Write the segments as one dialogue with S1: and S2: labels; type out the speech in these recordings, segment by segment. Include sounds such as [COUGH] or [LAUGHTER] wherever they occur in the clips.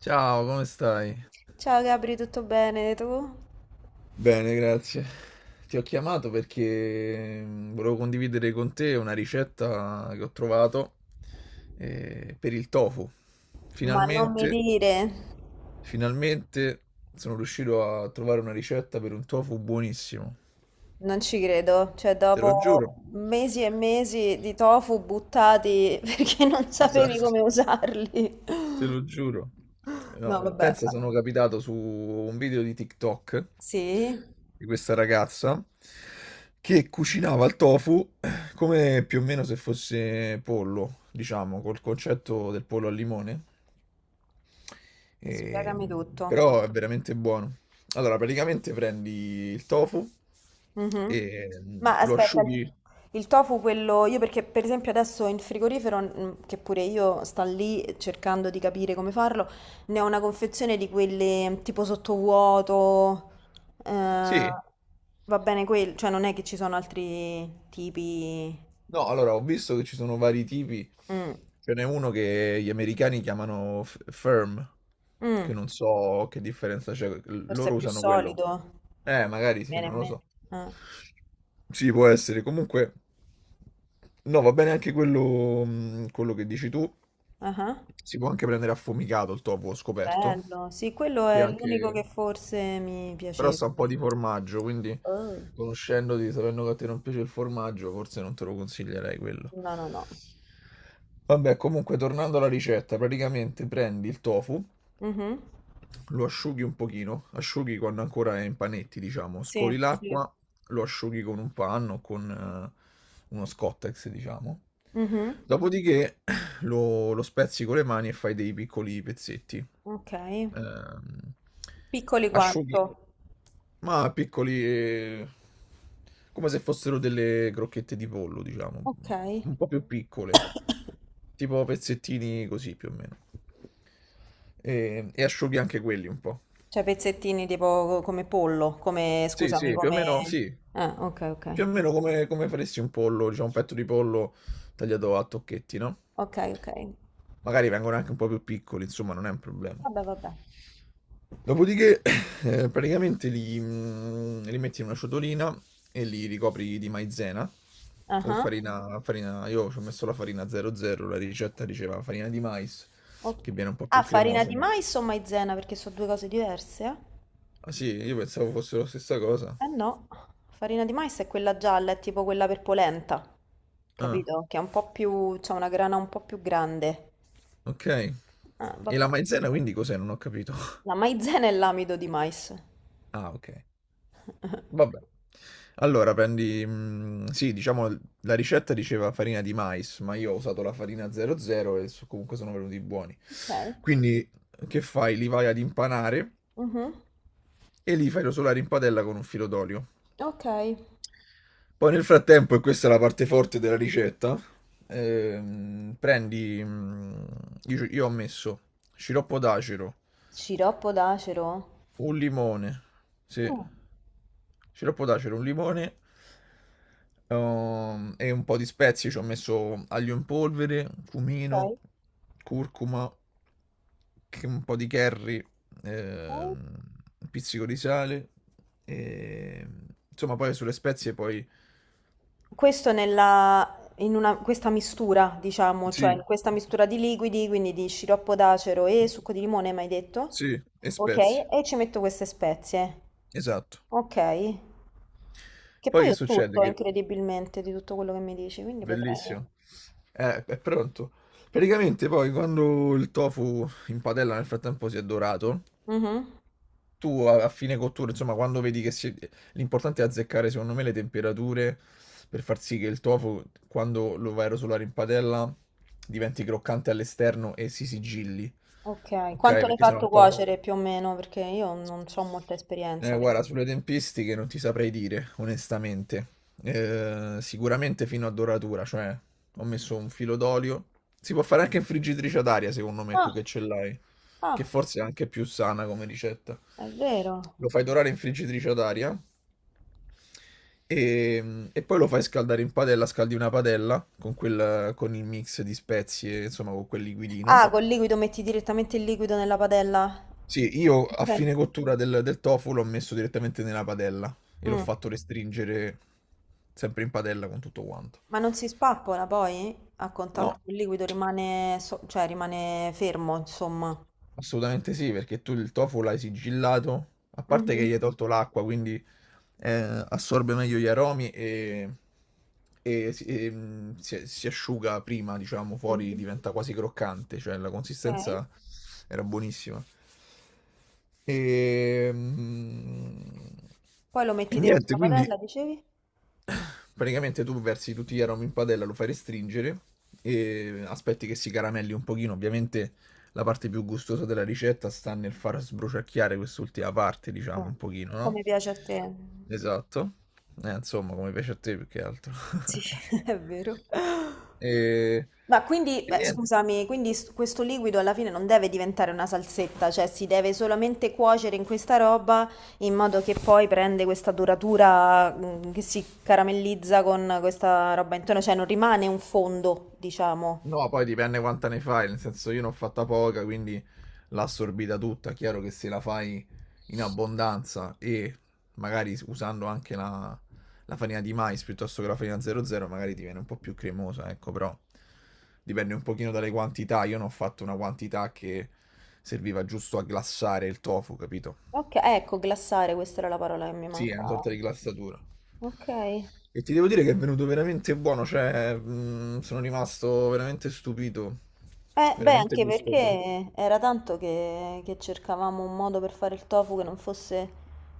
S1: Ciao, come stai?
S2: Ciao Gabri, tutto bene tu?
S1: Bene, grazie. Ti ho chiamato perché volevo condividere con te una ricetta che ho trovato per il tofu.
S2: Ma non mi
S1: Finalmente,
S2: dire,
S1: finalmente sono riuscito a trovare una ricetta per un tofu buonissimo.
S2: non ci credo, cioè
S1: Te lo
S2: dopo
S1: giuro.
S2: mesi e mesi di tofu buttati [LAUGHS] perché non sapevi
S1: Esatto.
S2: come usarli.
S1: Te lo giuro.
S2: No,
S1: No,
S2: vabbè.
S1: pensa, sono capitato su un video di TikTok
S2: Sì?
S1: di questa ragazza che cucinava il tofu come più o meno se fosse pollo, diciamo, col concetto del pollo al limone. E-
S2: Spiegami tutto.
S1: Però è veramente buono. Allora, praticamente prendi il tofu
S2: Mhm.
S1: e
S2: Ma
S1: lo
S2: aspetta, il
S1: asciughi.
S2: il tofu quello, io perché per esempio adesso in frigorifero, che pure io sto lì cercando di capire come farlo, ne ho una confezione di quelle tipo sottovuoto, eh,
S1: Sì.
S2: va bene quel, cioè non è che ci sono altri tipi.
S1: No, allora ho visto che ci sono vari tipi.
S2: Mm,
S1: Ce n'è uno che gli americani chiamano firm, che
S2: mm,
S1: non so che differenza c'è.
S2: forse
S1: Loro
S2: è più
S1: usano quello.
S2: solido,
S1: Magari sì,
S2: viene
S1: non
S2: in
S1: lo
S2: mente.
S1: so.
S2: Ah,
S1: Sì, può essere. Comunque, no, va bene anche quello, quello che dici tu.
S2: ah,
S1: Si può anche prendere affumicato il tofu, ho scoperto.
S2: bello, sì, quello
S1: Che
S2: è l'unico
S1: anche.
S2: che forse mi
S1: Però
S2: piaceva.
S1: sta un po' di formaggio, quindi
S2: Oh.
S1: conoscendoti, sapendo che a te non piace il formaggio, forse non te lo consiglierei quello.
S2: No, no, no.
S1: Vabbè, comunque, tornando alla ricetta, praticamente prendi il tofu,
S2: Mhm.
S1: lo asciughi un pochino, asciughi quando ancora è in panetti, diciamo,
S2: Sì,
S1: scoli
S2: sì.
S1: l'acqua, lo asciughi con un panno, con uno Scottex, diciamo.
S2: Mhm.
S1: Dopodiché [CLEARS THROAT] lo spezzi con le mani e fai dei piccoli pezzetti.
S2: Ok.
S1: Ehm,
S2: Piccoli
S1: asciughi.
S2: quanto?
S1: Ma piccoli, come se fossero delle crocchette di pollo, diciamo,
S2: Ok.
S1: un po' più piccole, tipo pezzettini così più o meno. E asciughi anche quelli un po'.
S2: Cioè pezzettini tipo come pollo, come,
S1: Sì,
S2: scusami,
S1: sì, più o
S2: come.
S1: meno, sì.
S2: Ah, ok, ok.
S1: Più o meno come, come faresti un pollo, diciamo un petto di pollo tagliato a tocchetti, no?
S2: Ok, ok.
S1: Magari vengono anche un po' più piccoli, insomma, non è un problema.
S2: Vabbè, vabbè.
S1: Dopodiché, [COUGHS] [LAUGHS] praticamente li metti in una ciotolina e li ricopri di maizena o
S2: Ah,
S1: farina. Io ci ho messo la farina 00, la ricetta diceva farina di mais,
S2: o-
S1: che viene un po'
S2: Ah,
S1: più
S2: farina
S1: cremoso,
S2: di
S1: ma...
S2: mais o maizena? Perché sono due cose diverse, eh?
S1: Ah sì, io pensavo fosse la stessa cosa.
S2: Eh no, farina di mais è quella gialla, è tipo quella per polenta,
S1: Ah,
S2: capito? Che è un po' più, c'ha una grana un po' più grande.
S1: ok.
S2: Ah,
S1: E la
S2: vabbè.
S1: maizena quindi cos'è? Non ho capito. [LAUGHS]
S2: La maizena e l'amido di mais.
S1: Ah, ok.
S2: [LAUGHS]
S1: Vabbè. Allora sì, diciamo la ricetta diceva farina di mais, ma io ho usato la farina 00 e comunque sono venuti buoni.
S2: Ok.
S1: Quindi che fai? Li vai ad impanare
S2: Mhm.
S1: e li fai rosolare in padella con un filo d'olio.
S2: Ok.
S1: Poi nel frattempo, e questa è la parte forte della ricetta, prendi, io ho messo sciroppo d'acero,
S2: Sciroppo d'acero.
S1: un limone, sì.
S2: Mm.
S1: Ce lo può dare, c'era un limone e un po' di spezie. Ci ho messo aglio in polvere, cumino,
S2: Ok.
S1: curcuma, un po' di curry,
S2: Ok.
S1: ehm, un pizzico di sale. E... Insomma, poi sulle spezie poi...
S2: Questo questa mistura, diciamo, cioè
S1: Sì,
S2: questa mistura di liquidi, quindi di sciroppo d'acero e succo di limone, mi hai detto?
S1: sì, e
S2: Ok,
S1: spezie,
S2: e ci metto queste spezie.
S1: esatto.
S2: Ok. Che
S1: Poi
S2: poi
S1: che
S2: ho
S1: succede?
S2: tutto,
S1: Che...
S2: incredibilmente, di tutto quello che mi dici, quindi potrei.
S1: Bellissimo. È pronto. Praticamente poi quando il tofu in padella nel frattempo si è dorato,
S2: Mhm.
S1: tu a fine cottura, insomma, quando vedi che si... L'importante è azzeccare, secondo me, le temperature per far sì che il tofu, quando lo vai a rosolare in padella, diventi croccante all'esterno e si sigilli.
S2: Ok,
S1: Ok?
S2: quanto l'hai
S1: Perché sennò il
S2: fatto
S1: tofu...
S2: cuocere più o meno? Perché io non ho molta esperienza.
S1: Guarda, sulle tempistiche non ti saprei dire, onestamente. Sicuramente fino a doratura, cioè ho messo un filo d'olio. Si può fare anche in friggitrice ad aria, secondo me, tu
S2: Ah,
S1: che ce l'hai, che
S2: ah,
S1: forse è anche più sana come ricetta.
S2: è vero.
S1: Lo fai dorare in friggitrice ad aria e poi lo fai scaldare in padella, scaldi una padella con, quel, con il mix di spezie, insomma, con quel liquidino.
S2: Ah, col liquido metti direttamente il liquido nella padella.
S1: Sì, io a
S2: Ok.
S1: fine cottura del tofu l'ho messo direttamente nella padella e l'ho
S2: Mm.
S1: fatto restringere sempre in padella con tutto quanto.
S2: Ma non si spappola poi? A contatto
S1: No,
S2: col liquido rimane, cioè rimane fermo, insomma.
S1: assolutamente sì, perché tu il tofu l'hai sigillato, a parte che
S2: Mhm,
S1: gli hai tolto l'acqua, quindi assorbe meglio gli aromi e si asciuga prima, diciamo, fuori
S2: mhm.
S1: diventa quasi croccante, cioè la
S2: Ok.
S1: consistenza era buonissima. E, mm,
S2: Poi lo
S1: e
S2: metti dentro
S1: niente,
S2: la
S1: quindi
S2: padella, dicevi?
S1: Praticamente tu versi tutti gli aromi in padella, lo fai restringere e aspetti che si caramelli un pochino. Ovviamente la parte più gustosa della ricetta sta nel far sbruciacchiare quest'ultima parte, diciamo,
S2: Mm.
S1: un pochino, no?
S2: Come piace a te.
S1: Esatto. Insomma, come piace a te più che altro.
S2: Sì, [LAUGHS]
S1: [LAUGHS]
S2: è vero.
S1: E,
S2: Ma quindi,
S1: e
S2: beh,
S1: niente.
S2: scusami, quindi questo liquido alla fine non deve diventare una salsetta, cioè si deve solamente cuocere in questa roba in modo che poi prende questa duratura, che si caramellizza con questa roba intorno, cioè non rimane un fondo, diciamo.
S1: No, poi dipende quanta ne fai, nel senso io ne ho fatta poca, quindi l'ho assorbita tutta. Chiaro che se la fai in abbondanza e magari usando anche la farina di mais piuttosto che la farina 00, magari ti viene un po' più cremosa, ecco, però dipende un pochino dalle quantità. Io ne ho fatto una quantità che serviva giusto a glassare il tofu, capito?
S2: Ok, ecco, glassare, questa era la parola che mi
S1: Sì, è una
S2: mancava.
S1: sorta di glassatura.
S2: Ok.
S1: E ti devo dire che è venuto veramente buono, cioè, mm, sono rimasto veramente stupito,
S2: Beh,
S1: veramente
S2: anche
S1: gustoso.
S2: perché era tanto che, cercavamo un modo per fare il tofu che non fosse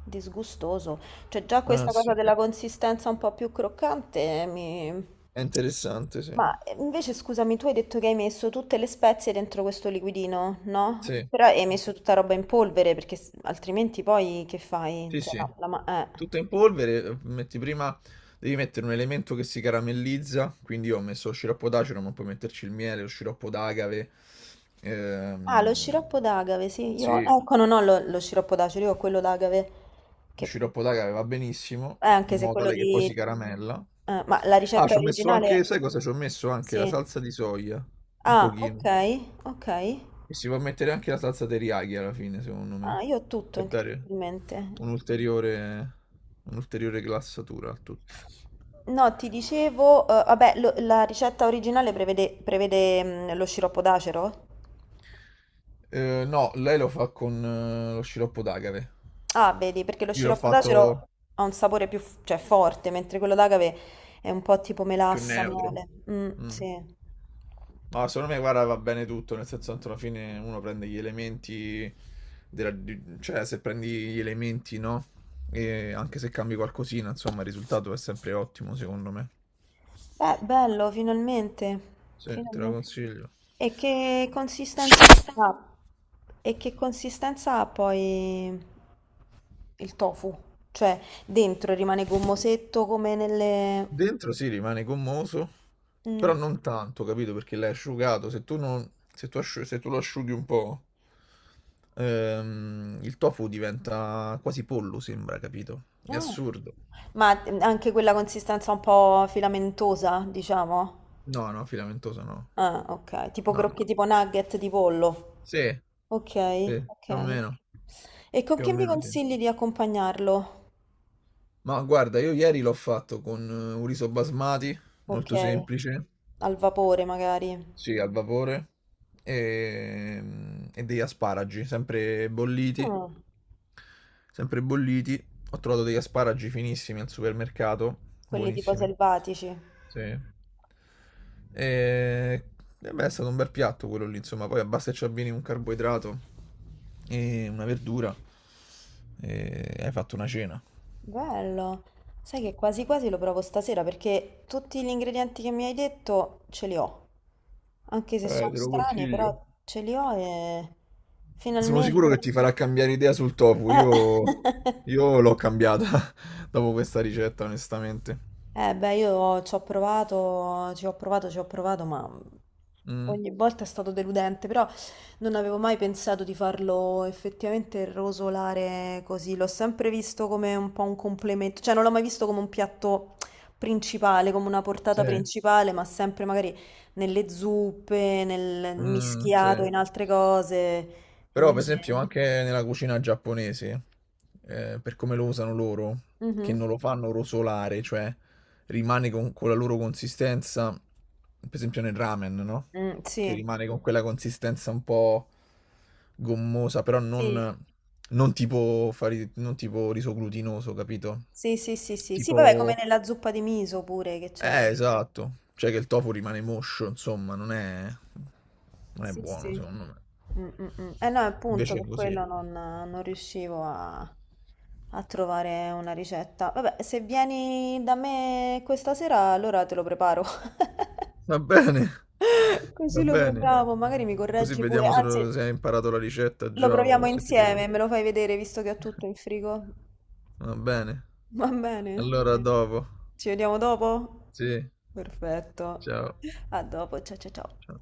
S2: disgustoso. Cioè, già
S1: Ah,
S2: questa
S1: sì.
S2: cosa della consistenza un po' più croccante mi.
S1: È interessante, sì.
S2: Ma invece, scusami, tu hai detto che hai messo tutte le spezie dentro questo liquidino, no?
S1: Sì,
S2: Però hai messo tutta roba in polvere, perché altrimenti poi che fai?
S1: sì,
S2: Cioè,
S1: sì.
S2: la.
S1: Tutto in polvere, metti prima, devi mettere un elemento che si caramellizza, quindi io ho messo lo sciroppo d'acero, ma puoi metterci il miele, lo sciroppo d'agave.
S2: Ah, lo
S1: Ehm,
S2: sciroppo d'agave, sì. Io,
S1: sì,
S2: ecco, non ho lo sciroppo d'acero, io ho quello d'agave
S1: lo
S2: che.
S1: sciroppo d'agave va benissimo,
S2: Anche
S1: in
S2: se
S1: modo
S2: quello
S1: tale che poi si
S2: di.
S1: caramella.
S2: Ma la
S1: Ah,
S2: ricetta
S1: ci ho messo anche,
S2: originale.
S1: sai cosa? Ci ho messo anche la
S2: Sì.
S1: salsa di soia, un
S2: Ah, ok,
S1: pochino.
S2: ok.
S1: E si può mettere anche la salsa teriyaki alla fine, secondo
S2: Ah,
S1: me,
S2: io ho tutto,
S1: per dare
S2: incredibilmente.
S1: un'ulteriore un'ulteriore glassatura al tutto.
S2: No, ti dicevo, vabbè, la ricetta originale prevede, lo sciroppo d'acero?
S1: No, lei lo fa con lo sciroppo d'agave.
S2: Ah, vedi, perché lo
S1: Io l'ho
S2: sciroppo
S1: fatto,
S2: d'acero ha un sapore più, cioè, forte, mentre quello d'agave è un po' tipo
S1: più
S2: melassa,
S1: neutro.
S2: mele. Mm,
S1: Mm.
S2: sì.
S1: No, secondo me, guarda, va bene tutto, nel senso tanto alla fine uno prende gli elementi cioè se prendi gli elementi, no? E anche se cambi qualcosina, insomma, il risultato è sempre ottimo, secondo me.
S2: Beh, bello, finalmente.
S1: Sì, te la
S2: Finalmente.
S1: consiglio.
S2: E che consistenza ha? E che consistenza ha poi il tofu? Cioè, dentro rimane gommosetto come nelle.
S1: Dentro si rimane gommoso, però
S2: Mm.
S1: non tanto, capito? Perché l'hai asciugato. Se tu non, se tu se tu lo asciughi un po', il tofu diventa quasi pollo, sembra, capito? È
S2: Ah.
S1: assurdo.
S2: Ma anche quella consistenza un po' filamentosa, diciamo?
S1: No, no, filamentoso no.
S2: Ah, ok. Tipo
S1: No,
S2: crocchi,
S1: no.
S2: tipo nugget di pollo.
S1: Sì,
S2: Ok,
S1: sì,
S2: ok. E con
S1: più o
S2: che mi
S1: meno sì.
S2: consigli di accompagnarlo?
S1: Ma guarda, io ieri l'ho fatto con un riso basmati,
S2: Ok.
S1: molto semplice.
S2: Al vapore magari.
S1: Sì, al vapore e, e degli asparagi, sempre bolliti,
S2: Ah,
S1: sempre bolliti. Ho trovato degli asparagi finissimi al supermercato,
S2: quelli tipo
S1: buonissimi.
S2: selvatici.
S1: Sì. E beh, è stato un bel piatto quello lì, insomma, poi basta che ci avvini un carboidrato e una verdura e hai fatto una cena.
S2: Bello. Sai che quasi quasi lo provo stasera perché tutti gli ingredienti che mi hai detto ce li ho. Anche se sono
S1: Te lo
S2: strani, però
S1: consiglio.
S2: ce li ho e
S1: Sono sicuro
S2: finalmente.
S1: che ti farà cambiare idea sul tofu.
S2: Eh.
S1: Io,
S2: [LAUGHS]
S1: io l'ho cambiata [LAUGHS] dopo questa ricetta, onestamente.
S2: Eh beh, io ci ho provato, ci ho provato, ci ho provato, ma
S1: Mm,
S2: ogni volta è stato deludente, però non avevo mai pensato di farlo effettivamente rosolare così, l'ho sempre visto come un po' un complemento, cioè non l'ho mai visto come un piatto principale, come una portata
S1: sì,
S2: principale, ma sempre magari nelle zuppe, nel
S1: mm, sì.
S2: mischiato, in altre cose, e
S1: Però, per
S2: invece.
S1: esempio, anche nella cucina giapponese, per come lo usano loro, che
S2: Mhm.
S1: non lo fanno rosolare, cioè rimane con la loro consistenza, per esempio nel ramen, no?
S2: Mm,
S1: Che
S2: sì,
S1: rimane con quella consistenza un po' gommosa, però
S2: sì,
S1: non, non tipo, non tipo riso glutinoso, capito?
S2: sì, sì, sì, sì, sì, vabbè, come
S1: Tipo,
S2: nella zuppa di miso pure che c'è.
S1: esatto. Cioè che il tofu rimane moscio, insomma, non è, non è
S2: Sì,
S1: buono,
S2: sì.
S1: secondo me.
S2: Mm, mm, mm. Eh no, appunto,
S1: Invece è
S2: per
S1: così.
S2: quello non riuscivo a trovare una ricetta. Vabbè, se vieni da me questa sera, allora te lo preparo.
S1: Va bene,
S2: [LAUGHS]
S1: va
S2: Così lo
S1: bene.
S2: proviamo, magari mi
S1: Così
S2: correggi pure.
S1: vediamo se,
S2: Anzi,
S1: se hai imparato la ricetta
S2: lo
S1: già
S2: proviamo
S1: o se ti devo...
S2: insieme, me lo fai vedere visto che ho tutto in frigo.
S1: Va bene.
S2: Va bene?
S1: Allora, a vabbè, dopo.
S2: Ci vediamo dopo?
S1: Sì,
S2: Perfetto.
S1: ciao.
S2: A dopo, ciao ciao ciao.
S1: Ciao.